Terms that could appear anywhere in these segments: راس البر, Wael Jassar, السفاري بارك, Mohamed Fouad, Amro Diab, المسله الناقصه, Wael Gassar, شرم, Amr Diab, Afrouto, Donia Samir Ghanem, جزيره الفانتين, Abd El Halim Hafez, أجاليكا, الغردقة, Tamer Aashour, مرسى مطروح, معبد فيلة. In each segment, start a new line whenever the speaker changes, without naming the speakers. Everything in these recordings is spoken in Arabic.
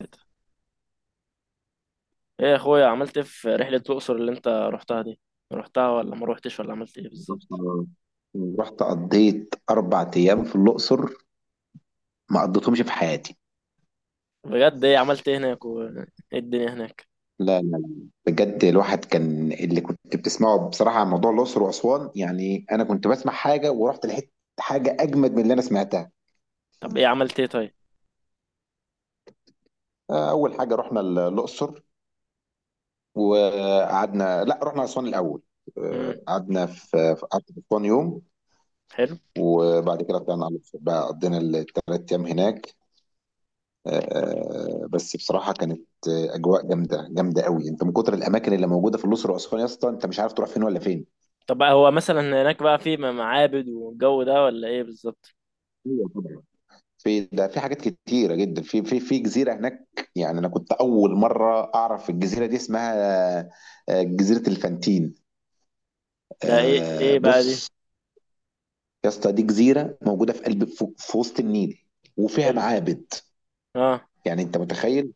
ايه، يا اخويا، عملت ايه في رحلة الأقصر اللي انت رحتها دي؟ رحتها ولا ما روحتش ولا عملت ايه بالظبط؟
رحت قضيت أربع أيام في الأقصر ما قضيتهمش في حياتي.
بجد، ايه عملت ايه هناك وايه الدنيا هناك؟
لا. بجد الواحد، كان اللي كنت بتسمعه بصراحة عن موضوع الأقصر وأسوان، يعني أنا كنت بسمع حاجة ورحت لقيت حاجة أجمد من اللي أنا سمعتها.
طب ايه عملت ايه طيب؟
أول حاجة رحنا الأقصر وقعدنا، لا رحنا أسوان الأول.
امم
قعدنا قعدت في أسوان يوم،
حلو.
وبعد كده طلعنا على الأقصر بقى، قضينا الثلاث أيام هناك. بس بصراحه كانت اجواء جامده جامده قوي، انت من كتر الاماكن اللي موجوده في الاقصر واسوان يا اسطى، انت مش عارف تروح فين ولا فين.
طب، بقى هو مثلا هناك بقى في معابد والجو ده، ولا ايه بالظبط؟
ايوه طبعا، في ده، في حاجات كتيره جدا، في جزيره هناك. يعني انا كنت اول مره اعرف الجزيره دي اسمها جزيره الفانتين.
ده ايه ايه بقى دي؟
بص يا اسطى، دي جزيره موجوده في قلب، في وسط النيل، وفيها
حلو.
معابد.
اه.
يعني انت متخيل،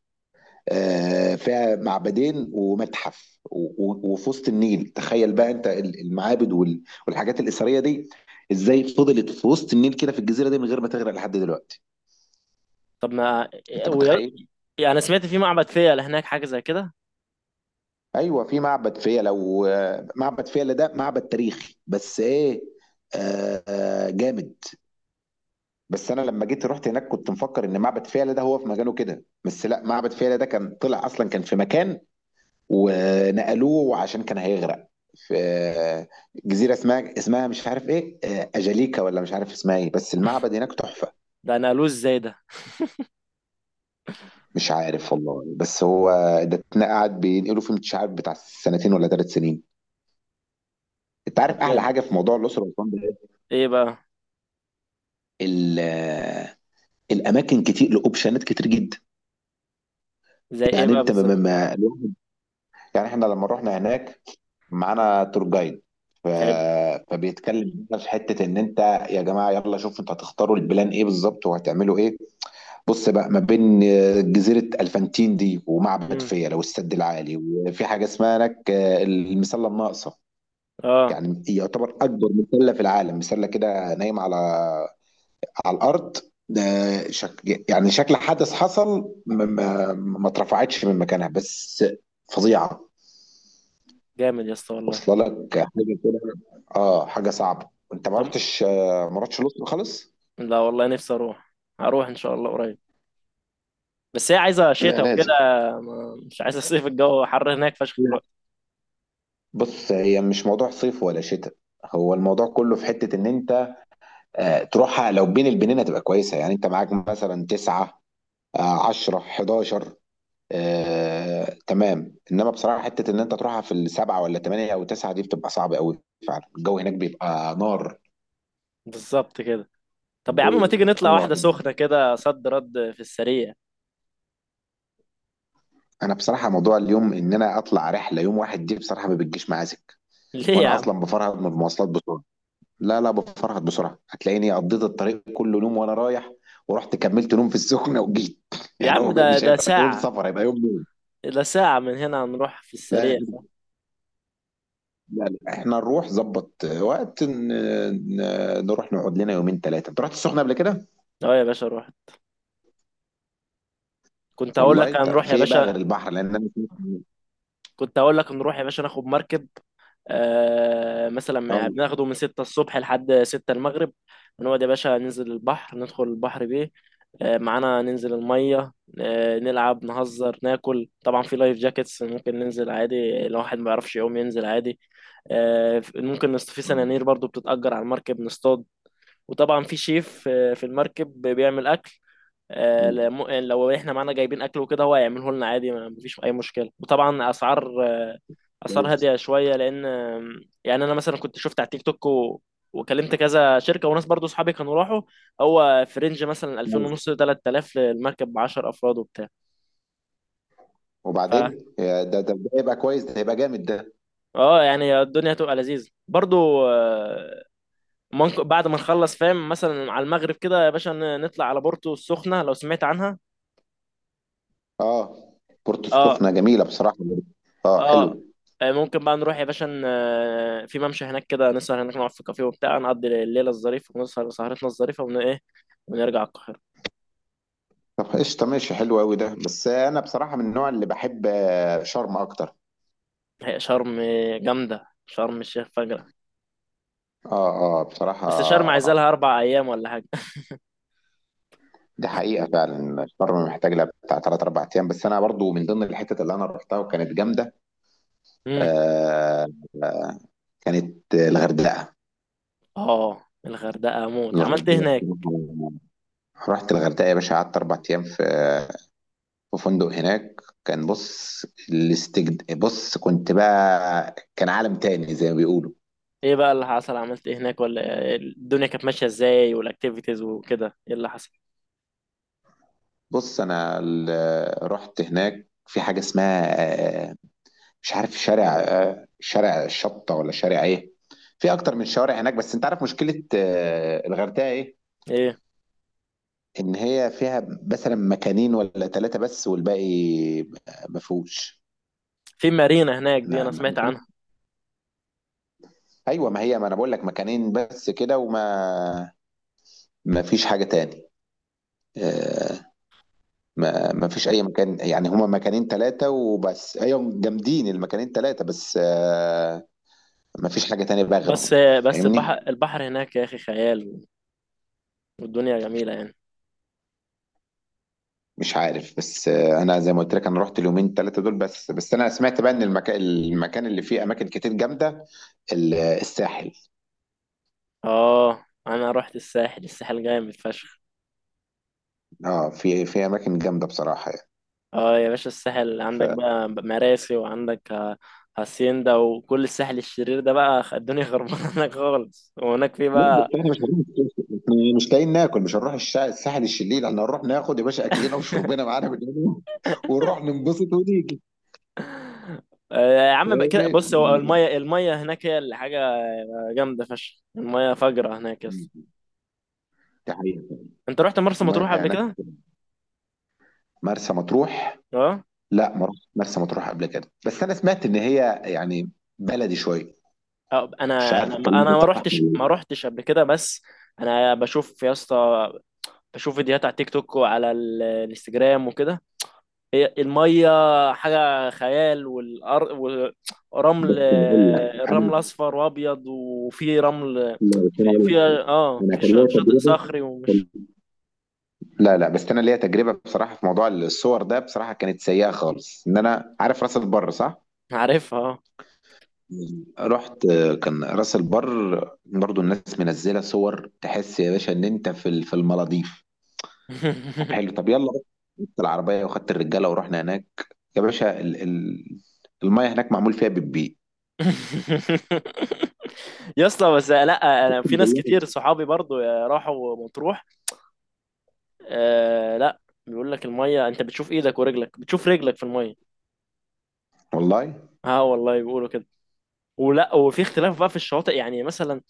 فيها معبدين ومتحف وفي وسط النيل. تخيل بقى انت المعابد والحاجات الأثرية دي ازاي فضلت في وسط النيل كده في الجزيرة دي من غير ما تغرق لحد دلوقتي.
طب ما إيه؟
انت متخيل؟
يعني انا سمعت في معبد فيلة هناك حاجة زي كده.
ايوه في معبد فيلة، ومعبد فيلة ده معبد تاريخي بس ايه، جامد. بس انا لما جيت رحت هناك كنت مفكر ان معبد فيلة ده هو في مكانه كده، بس لا، معبد فيلة ده كان طلع اصلا كان في مكان ونقلوه عشان كان هيغرق، في جزيرة اسمها، اسمها مش عارف ايه، أجاليكا ولا مش عارف اسمها ايه، بس المعبد هناك تحفة.
ده انا قالوه ازاي ده؟
مش عارف والله، بس هو ده قاعد بينقلوا فيه مش عارف بتاع سنتين ولا ثلاث سنين. انت عارف
طب،
احلى
جامد.
حاجة في موضوع الأسرة والأسوان ده إيه؟
ايه بقى؟
ال- آه، الأماكن كتير، لأوبشنات كتير جدا.
زي ايه
يعني
بقى
انت،
بالظبط؟
ما- يعني احنا لما رحنا هناك معانا تور جايد، ف...
حلو.
فبيتكلم بقى في حته ان انت، يا جماعه يلا شوفوا انتوا هتختاروا البلان ايه بالظبط وهتعملوا ايه. بص بقى، ما بين جزيره الفانتين دي ومعبد
امم
فيلا والسد العالي، وفي حاجه اسمها هناك المسله الناقصه.
اه.
يعني يعتبر اكبر مسله في العالم، مسله كده نايمه على على الارض، ده شك... يعني شكل حدث حصل، ما اترفعتش من مكانها بس، فظيعه،
جامد يا اسطى والله.
واصله لك حاجه كده. اه حاجه صعبه، انت ما
طب،
رحتش ما رحتش الاقصر خالص.
لا والله، نفسي اروح. هروح ان شاء الله قريب. بس هي عايزه
لا
شتاء وكده.
لازم.
مش عايزه صيف، الجو حر هناك فشخ
لا
دلوقتي.
بص، هي مش موضوع صيف ولا شتاء، هو الموضوع كله في حته ان انت، تروحها لو بين البنين هتبقى كويسه، يعني انت معاك مثلا 9 10 11 تمام، انما بصراحه حته ان انت تروحها في السبعه ولا ثمانيه او تسعه دي بتبقى صعبه قوي، فعلا الجو هناك بيبقى نار.
بالظبط كده. طب يا عم،
الجو
ما تيجي
بيبقى-
نطلع
آه.
واحده سخنه كده صد رد في السريع؟
انا بصراحه موضوع اليوم ان انا اطلع رحله يوم واحد دي بصراحه ما بتجيش معايا،
ليه يا
وانا
عم؟
اصلا بفرهد من المواصلات بسرعه. لا لا، بفرهد بسرعه، هتلاقيني قضيت الطريق كله نوم وانا رايح، ورحت كملت نوم في السخنه وجيت
يا
يعني
عم،
هو
ده
مش
ده
هيبقى يوم
ساعه.
سفر، هيبقى يوم نوم.
ده ساعه من هنا، هنروح في
لا يا
السريع.
جدع، لا احنا نروح ظبط وقت نروح نقعد لنا يومين ثلاثه. انت رحت السخنه قبل كده؟
اه يا باشا، روح. كنت هقول
والله
لك
طب
هنروح يا
في ايه بقى غير
باشا.
البحر لان انا سمعت-
كنت هقول لك نروح يا باشا ناخد مركب. مثلا
اه
بناخده من 6 الصبح لحد 6 المغرب. بنقعد يا باشا، ننزل البحر، ندخل البحر بيه. معانا ننزل المية. نلعب، نهزر، ناكل، طبعا في لايف جاكيتس ممكن ننزل عادي، لو واحد ما يعرفش يقوم ينزل عادي. ممكن في
آه،
سنانير برضو بتتأجر على المركب نصطاد. وطبعا في شيف، في المركب بيعمل أكل.
آه،
لو احنا معانا جايبين اكل وكده هو هيعمله لنا عادي، مفيش اي مشكله، وطبعا اسعار
كويس
هاديه شويه لان يعني انا مثلا كنت شفت على التيك توك وكلمت كذا شركه وناس، برضو صحابي كانوا راحوا. هو في رينج مثلا 2000
كويس.
ونص 3000 للمركب ب 10 افراد وبتاع. ف
وبعدين يا، ده هيبقى كويس، ده هيبقى جامد ده.
اه يعني الدنيا تبقى لذيذ برضو. ممكن بعد ما نخلص فاهم مثلا على المغرب كده يا باشا نطلع على بورتو السخنه لو سمعت عنها.
اه بورتو
اه.
السخنه جميله بصراحه. اه حلو.
اه. ممكن بقى نروح يا باشا، في ممشى هناك كده، نسهر هناك، نقعد في كافيه وبتاع، نقضي الليله الظريفه، ونسهر سهرتنا الظريفه، ايه، ونرجع القاهره.
طب قشطة ماشي، حلو أوي ده، بس أنا بصراحة من النوع اللي بحب شرم أكتر.
هي شرم جامدة، شرم الشيخ فجرة. بس شرم عايزة
بصراحة
لها 4 أيام ولا حاجة.
دي حقيقة، فعلا شرم محتاج لها بتاع تلات أربع أيام، بس أنا برضو من ضمن الحتت اللي أنا رحتها وكانت جامدة
امم
آه آه، كانت الغردقة.
اه، الغردقة موت. عملت ايه
الغردقة
هناك؟
بصراحة، رحت الغردقة يا باشا، قعدت أربع أيام في في فندق هناك، كان بص الاستجد، بص كنت بقى كان عالم تاني زي ما بيقولوا.
ايه بقى اللي حصل؟ عملت ايه هناك ولا الدنيا كانت ماشية ازاي والاكتيفيتيز وكده؟ ايه اللي حصل؟
بص انا رحت هناك في حاجه اسمها آه، مش عارف شارع شارع الشطه ولا شارع ايه، في اكتر من شوارع هناك، بس انت عارف مشكله الغردقه ايه؟
ايه،
ان هي فيها مثلا مكانين ولا ثلاثه بس، والباقي ما فيهوش.
في مارينا هناك دي أنا
نعم ما
سمعت عنها.
فيهوش. ايوه، ما هي ما انا بقول لك مكانين بس كده، وما ما فيش حاجه تاني، آه، ما فيش اي مكان. يعني هما مكانين ثلاثه وبس، ايوه جامدين المكانين ثلاثه بس، مفيش حاجة تانية بقى غيرهم.
بس بس البحر
فاهمني؟
البحر هناك يا أخي خيال. والدنيا جميلة يعني.
مش عارف بس انا زي ما قلت لك انا رحت اليومين ثلاثة دول بس، بس انا سمعت بقى ان المكان اللي فيه اماكن كتير جامدة الساحل.
اه أنا رحت الساحل. الساحل جامد فشخ.
اه في في اماكن جامدة بصراحة يعني.
اه يا باشا، الساحل عندك
لا
بقى مراسي، وعندك هاسيندا وكل الساحل الشرير ده، بقى الدنيا خربانه هناك خالص، وهناك في
بس
بقى.
احنا مش هنروح الساحل. إحنا مش لاقيين ناكل، مش هنروح الساحل الشليل، احنا هنروح ناخد يا باشا اكلنا وشربنا معانا بالليل ونروح ننبسط ونيجي.
يا عم بقى كده
فاهمني؟
بص، هو الميه هناك هي اللي حاجه جامده فشخ، الميه فجره هناك، يس.
دي حقيقة.
انت رحت مرسى
المية
مطروح قبل
هناك.
كده؟
مرسى مطروح،
اه.
لا ما رحتش مرسى مطروح قبل كده، بس انا سمعت ان هي يعني بلدي شويه، مش
انا
عارف
انا
الكلام
انا
ده
ما
صح
رحتش
ولا
ما رحتش قبل كده، بس انا بشوف يا اسطى، بشوف فيديوهات على تيك توك وعلى الانستجرام وكده. هي الميه حاجه خيال،
لا،
ورمل.
بس هقول لك انا،
الرمل اصفر وابيض، وفي رمل،
لا بس انا
في،
هقول
في
لك،
اه
انا
في
كان ليا
شاطئ
تجربه.
صخري
كان-
ومش
لا بس انا ليا تجربه بصراحه في موضوع الصور ده، بصراحه كانت سيئه خالص. ان انا عارف راس البر صح؟
عارفها، آه.
رحت، كان راس البر برضو الناس منزله صور تحس يا باشا ان انت في في المالديف. طب حلو طب يلا، رحت العربيه وخدت الرجاله ورحنا هناك، يا باشا الميه هناك معمول فيها بالبيت،
يا اسطى، بس لا، انا في ناس
بالله.
كتير صحابي برضو راحوا مطروح، آه لا، بيقول لك الميه انت بتشوف ايدك ورجلك، بتشوف رجلك في الميه.
والله.
اه والله، بيقولوا كده. ولا وفي اختلاف بقى في الشواطئ يعني، مثلا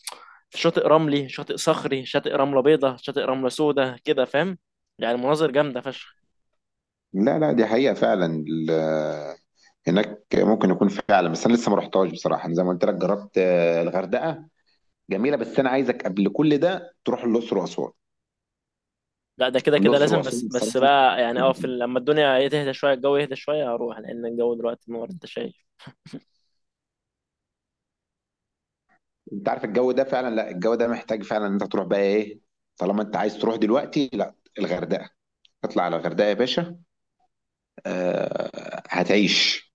شاطئ رملي، شاطئ صخري، شاطئ رملة بيضة، شاطئ رملة سودة، كده فاهم؟ يعني مناظر جامدة فشخ.
لا دي حقيقة فعلا هناك ممكن يكون فعلا، بس انا لسه ما رحتهاش بصراحة، انا زي ما قلت لك جربت الغردقة جميلة، بس انا عايزك قبل كل ده تروح الاقصر واسوان.
لا، ده كده كده
الاقصر
لازم، بس
واسوان
بس
بصراحة،
بقى يعني اه في لما الدنيا إيه تهدى شوية، الجو يهدى شوية، هروح، لأن الجو دلوقتي نور، أنت شايف.
انت عارف الجو ده فعلا، لا الجو ده محتاج فعلا ان انت تروح بقى ايه، طالما انت عايز تروح دلوقتي، لا الغردقة، اطلع على الغردقة يا باشا، آه، هتعيش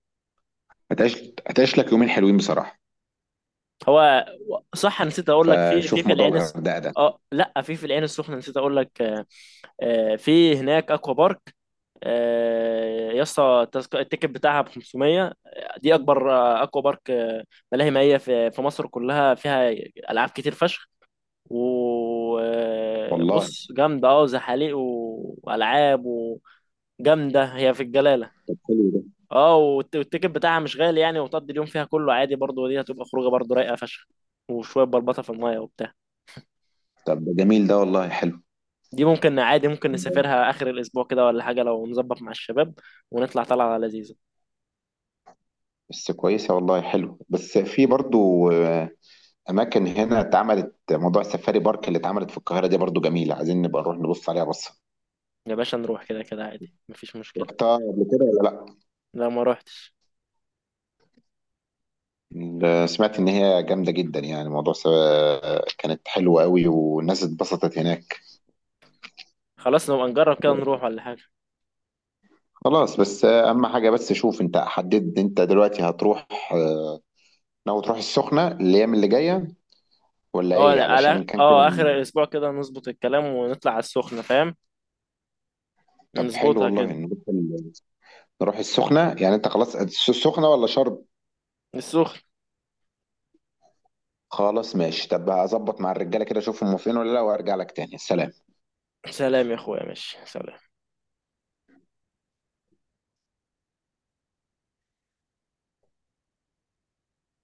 هتعيش هتعيش لك يومين حلوين بصراحة،
هو، صح، نسيت أقول لك في في
فشوف
في
موضوع
العين
الغردقة ده.
اه لا، في العين السخنة نسيت أقول لك. في هناك أكوا بارك. يا اسطى، التيكت بتاعها ب 500. دي أكبر أكوا بارك، ملاهي مائية في مصر كلها، فيها ألعاب كتير فشخ.
والله
وبص جامدة اه، زحاليق وألعاب، وجامدة هي في الجلالة.
طب حلو ده.
اه، والتيكت بتاعها مش غالي يعني، وتقضي اليوم فيها كله عادي برضه، ودي هتبقى خروجة برضه رايقة فشخ، وشوية بلبطة في المية وبتاع.
طب ده جميل ده والله، حلو.
دي ممكن عادي، ممكن نسافرها آخر الأسبوع كده ولا حاجة لو نظبط مع الشباب، ونطلع طلعة لذيذة.
بس كويسة والله، حلو، بس في برضو أماكن هنا اتعملت، موضوع السفاري بارك اللي اتعملت في القاهرة دي برضو جميلة، عايزين نبقى نروح نبص عليها بصة.
يا باشا نروح كده كده عادي، مفيش مشكلة.
رحتها قبل كده ولا لأ؟
لا ما روحتش.
سمعت إن هي جامدة جدا، يعني موضوع كانت حلوة قوي والناس اتبسطت هناك.
خلاص نبقى نجرب كده، نروح ولا حاجة.
خلاص بس أهم حاجة، بس شوف أنت حددت، أنت دلوقتي هتروح، آه، ناوي تروح السخنة الأيام اللي جاية ولا
اه،
إيه، علشان
على
كان كده.
اه آخر الأسبوع كده نظبط الكلام، ونطلع على السخنة فاهم،
طب حلو
نظبطها
والله،
كده.
نروح نروح السخنة، يعني أنت خلاص السخنة ولا شرم؟
السخن.
خلاص ماشي، طب هظبط مع الرجاله كده اشوفهم فين ولا لا وارجع لك تاني. سلام.
سلام يا اخويا، ماشي، سلام.